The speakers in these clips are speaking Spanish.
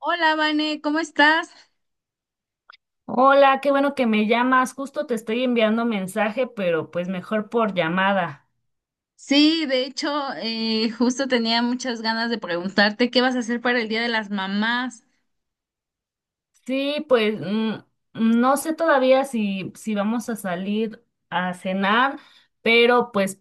Hola, Vane, ¿cómo estás? Hola, qué bueno que me llamas. Justo te estoy enviando mensaje, pero pues mejor por llamada. Sí, de hecho, justo tenía muchas ganas de preguntarte qué vas a hacer para el Día de las Mamás. Sí, pues no sé todavía si vamos a salir a cenar, pero pues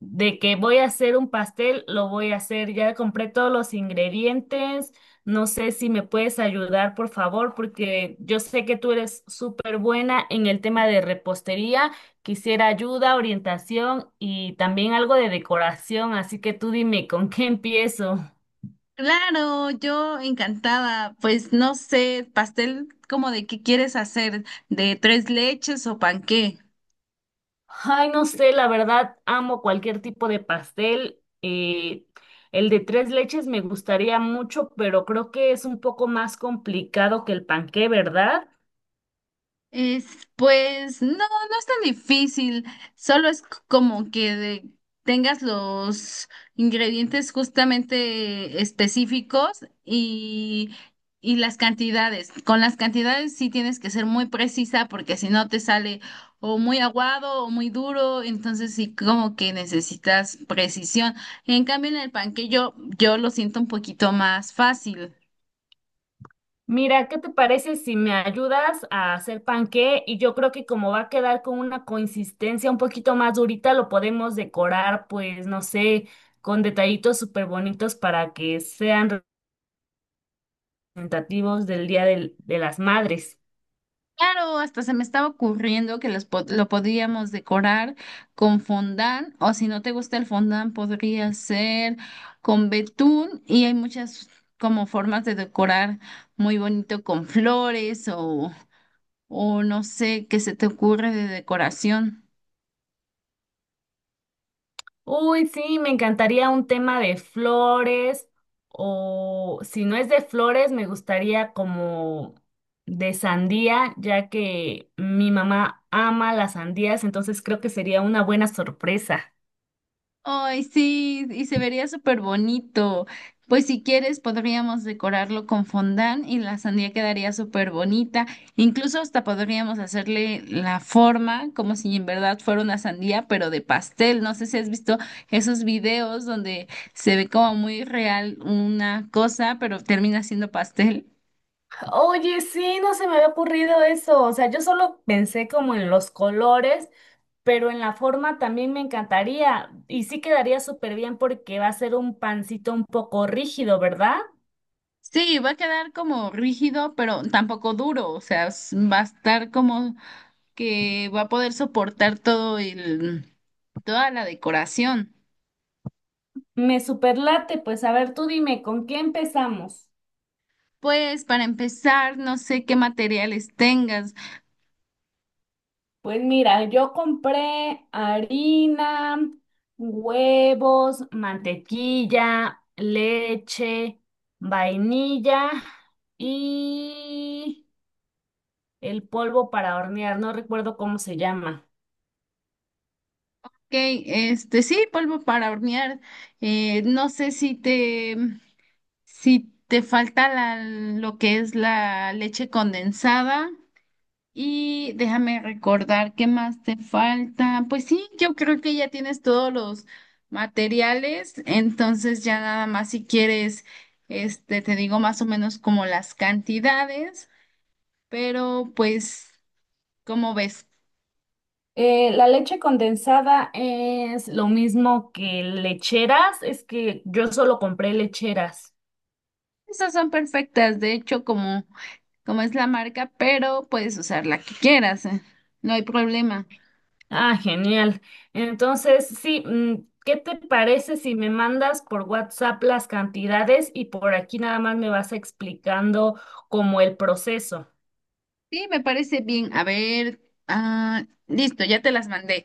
de que voy a hacer un pastel, lo voy a hacer. Ya compré todos los ingredientes. No sé si me puedes ayudar, por favor, porque yo sé que tú eres súper buena en el tema de repostería. Quisiera ayuda, orientación y también algo de decoración, así que tú dime con qué empiezo. Claro, yo encantada. Pues no sé, pastel como de qué quieres hacer, de tres leches o panqué. Ay, no sé, la verdad amo cualquier tipo de pastel. El de tres leches me gustaría mucho, pero creo que es un poco más complicado que el panqué, ¿verdad? Es, pues no es tan difícil, solo es como que tengas los ingredientes justamente específicos y las cantidades. Con las cantidades sí tienes que ser muy precisa porque si no te sale o muy aguado o muy duro, entonces sí como que necesitas precisión. En cambio en el panquillo yo lo siento un poquito más fácil. Mira, ¿qué te parece si me ayudas a hacer panqué? Y yo creo que como va a quedar con una consistencia un poquito más durita, lo podemos decorar, pues, no sé, con detallitos súper bonitos para que sean representativos del Día de las Madres. Claro, hasta se me estaba ocurriendo que lo podríamos decorar con fondant, o si no te gusta el fondant, podría ser con betún, y hay muchas como formas de decorar muy bonito con flores o no sé qué se te ocurre de decoración. Uy, sí, me encantaría un tema de flores o si no es de flores, me gustaría como de sandía, ya que mi mamá ama las sandías, entonces creo que sería una buena sorpresa. Ay, sí, y se vería súper bonito. Pues si quieres, podríamos decorarlo con fondant y la sandía quedaría súper bonita. Incluso hasta podríamos hacerle la forma como si en verdad fuera una sandía, pero de pastel. No sé si has visto esos videos donde se ve como muy real una cosa, pero termina siendo pastel. Oye, sí, no se me había ocurrido eso, o sea, yo solo pensé como en los colores, pero en la forma también me encantaría y sí quedaría súper bien porque va a ser un pancito un poco rígido, ¿verdad? Sí, va a quedar como rígido, pero tampoco duro. O sea, va a estar como que va a poder soportar todo el... Toda la decoración. Me superlate, pues a ver, tú dime, ¿con qué empezamos? Pues para empezar, no sé qué materiales tengas. Pues mira, yo compré harina, huevos, mantequilla, leche, vainilla y el polvo para hornear, no recuerdo cómo se llama. Ok, este sí, polvo para hornear. No sé si te falta lo que es la leche condensada. Y déjame recordar qué más te falta. Pues sí, yo creo que ya tienes todos los materiales. Entonces ya nada más si quieres, este, te digo más o menos como las cantidades. Pero pues. Como ves? La leche condensada es lo mismo que lecheras, es que yo solo compré lecheras. Esas son perfectas, de hecho, como es la marca, pero puedes usar la que quieras, no hay problema. Ah, genial. Entonces, sí, ¿qué te parece si me mandas por WhatsApp las cantidades y por aquí nada más me vas explicando como el proceso? Sí, me parece bien. A ver, ah, listo, ya te las mandé.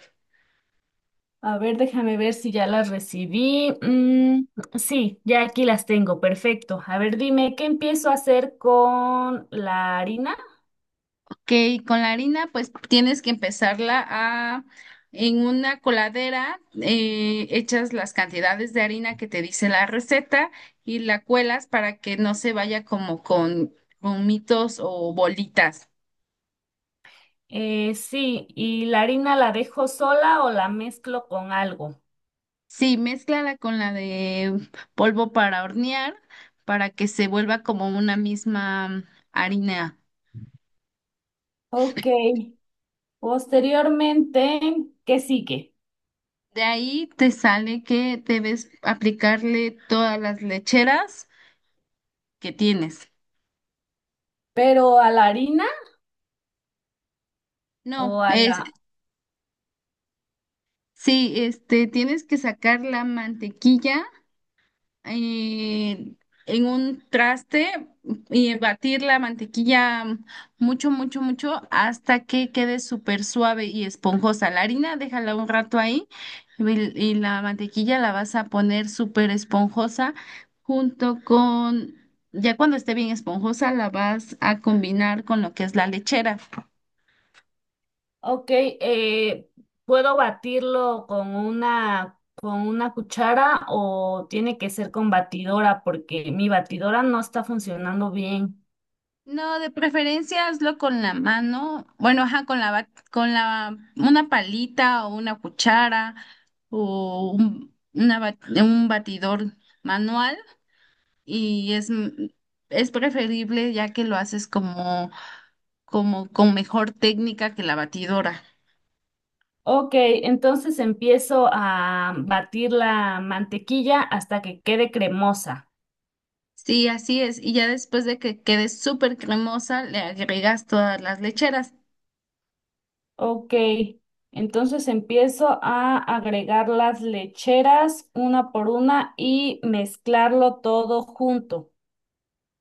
A ver, déjame ver si ya las recibí. Sí, ya aquí las tengo, perfecto. A ver, dime, ¿qué empiezo a hacer con la harina? Ok, con la harina, pues tienes que en una coladera, echas las cantidades de harina que te dice la receta y la cuelas para que no se vaya como con gomitos o bolitas. Sí, ¿y la harina la dejo sola o la mezclo con algo? Sí, mézclala con la de polvo para hornear para que se vuelva como una misma harina. Ok, posteriormente, ¿qué sigue? De ahí te sale que debes aplicarle todas las lecheras que tienes. Pero a la harina. No, es, Ojalá. sí, este, tienes que sacar la mantequilla eh, en un traste y batir la mantequilla mucho, mucho, mucho hasta que quede súper suave y esponjosa. La harina, déjala un rato ahí y, y la mantequilla la vas a poner súper esponjosa junto con, ya cuando esté bien esponjosa, la vas a combinar con lo que es la lechera. Ok, ¿puedo batirlo con una cuchara o tiene que ser con batidora? Porque mi batidora no está funcionando bien. No, de preferencia hazlo con la mano, bueno, ajá, con la, bat, con la, una palita o una cuchara o un batidor manual y es preferible ya que lo haces como, como con mejor técnica que la batidora. Ok, entonces empiezo a batir la mantequilla hasta que quede cremosa. Sí, así es. Y ya después de que quede súper cremosa, le agregas todas las lecheras. Ok, entonces empiezo a agregar las lecheras una por una y mezclarlo todo junto.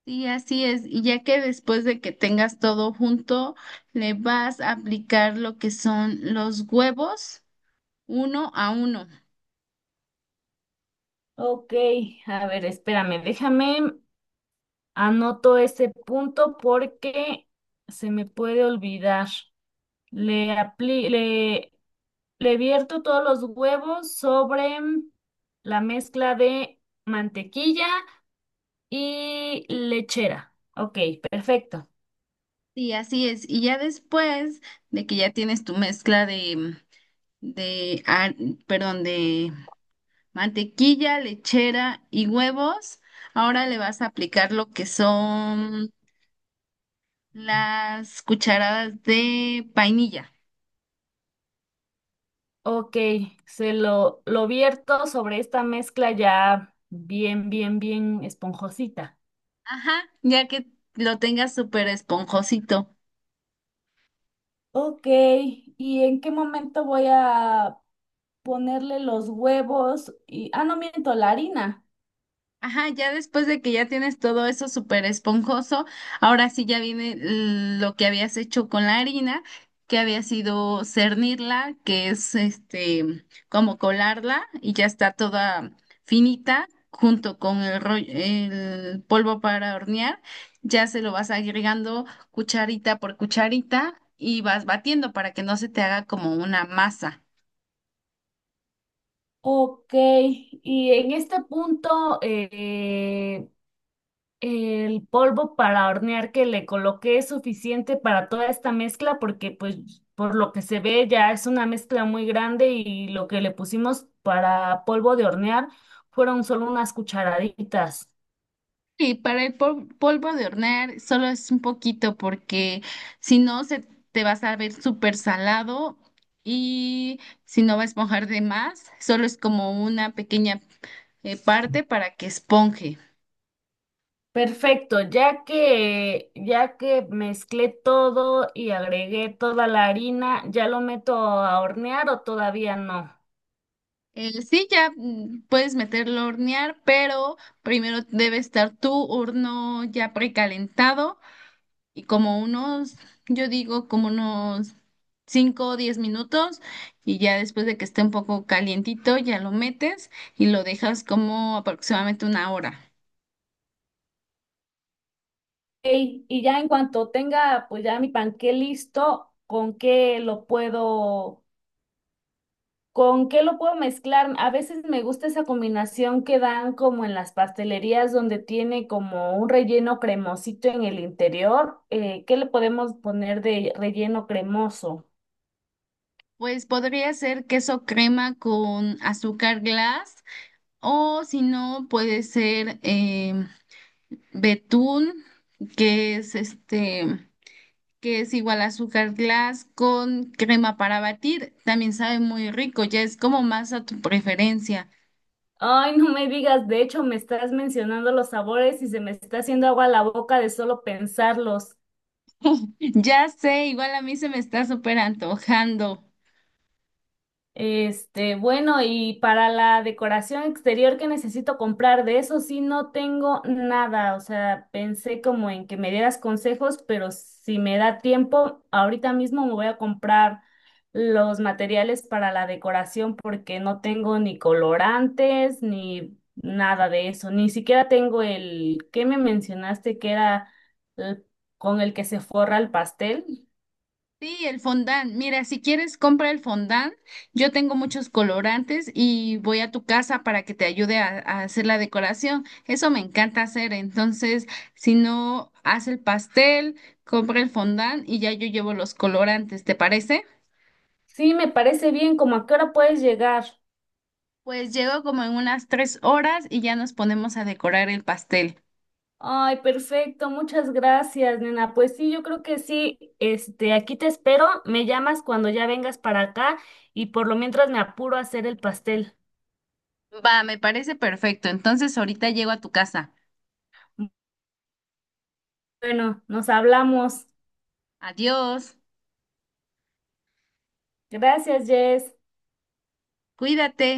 Sí, así es. Y ya que después de que tengas todo junto, le vas a aplicar lo que son los huevos uno a uno. Ok, a ver, espérame, déjame. Anoto ese punto porque se me puede olvidar. Le apli- le, le vierto todos los huevos sobre la mezcla de mantequilla y lechera. Ok, perfecto. Sí, así es. Y ya después de que ya tienes tu mezcla de, ar- perdón, de mantequilla, lechera y huevos, ahora le vas a aplicar lo que son las cucharadas de vainilla. Ok, lo vierto sobre esta mezcla ya bien, bien, bien esponjosita. Ajá, ya que lo tengas súper esponjosito. Ok, ¿y en qué momento voy a ponerle los huevos? Y, ah, no miento, la harina. Ajá, ya después de que ya tienes todo eso súper esponjoso, ahora sí ya viene lo que habías hecho con la harina, que había sido cernirla, que es este como colarla y ya está toda finita junto con el rollo, el polvo para hornear, ya se lo vas agregando cucharita por cucharita y vas batiendo para que no se te haga como una masa. Ok, y en este punto, el polvo para hornear que le coloqué es suficiente para toda esta mezcla porque pues por lo que se ve ya es una mezcla muy grande y lo que le pusimos para polvo de hornear fueron solo unas cucharaditas. Y para el polvo de hornear solo es un poquito porque si no se te va a saber súper salado y si no va a esponjar de más, solo es como una pequeña parte para que esponje. Perfecto, ya que mezclé todo y agregué toda la harina, ¿ya lo meto a hornear o todavía no? Sí, ya mm, puedes meterlo a hornear, pero primero debe estar tu horno ya precalentado y yo digo, como unos 5 o 10 minutos y ya después de que esté un poco calientito, ya lo metes y lo dejas como aproximadamente una hora. Ey, y ya en cuanto tenga pues ya mi panqué listo, ¿con qué lo puedo mezclar? A veces me gusta esa combinación que dan como en las pastelerías donde tiene como un relleno cremosito en el interior. ¿Qué le podemos poner de relleno cremoso? Pues podría ser queso crema con azúcar glass o si no, puede ser betún, que es este... que es igual azúcar glass con crema para batir, también sabe muy rico, ya es como más a tu preferencia. Ay, no me digas, de hecho me estás mencionando los sabores y se me está haciendo agua la boca de solo pensarlos. Ya sé, igual a mí se me está súper antojando. Este, bueno, y para la decoración exterior que necesito comprar, de eso sí no tengo nada. O sea, pensé como en que me dieras consejos, pero si me da tiempo, ahorita mismo me voy a comprar los materiales para la decoración porque no tengo ni colorantes ni nada de eso. Ni siquiera tengo el que me mencionaste que era el- con el que se forra el pastel. Sí, el fondant. Mira, si quieres, compra el fondant. Yo tengo muchos colorantes y voy a tu casa para que te ayude a hacer la decoración. Eso me encanta hacer. Entonces, si no, haz el pastel, compra el fondant y ya yo llevo los colorantes. ¿Te parece? Sí, me parece bien, como a qué hora puedes llegar. Pues llego como en unas 3 horas y ya nos ponemos a decorar el pastel. Ay, perfecto, muchas gracias, nena. Pues sí, yo creo que sí. Este, aquí te espero, me llamas cuando ya vengas para acá y por lo mientras me apuro a hacer el pastel. Va, me parece perfecto. Entonces, ahorita llego a tu casa. Bueno, nos hablamos. Adiós. Gracias, Jess. Cuídate.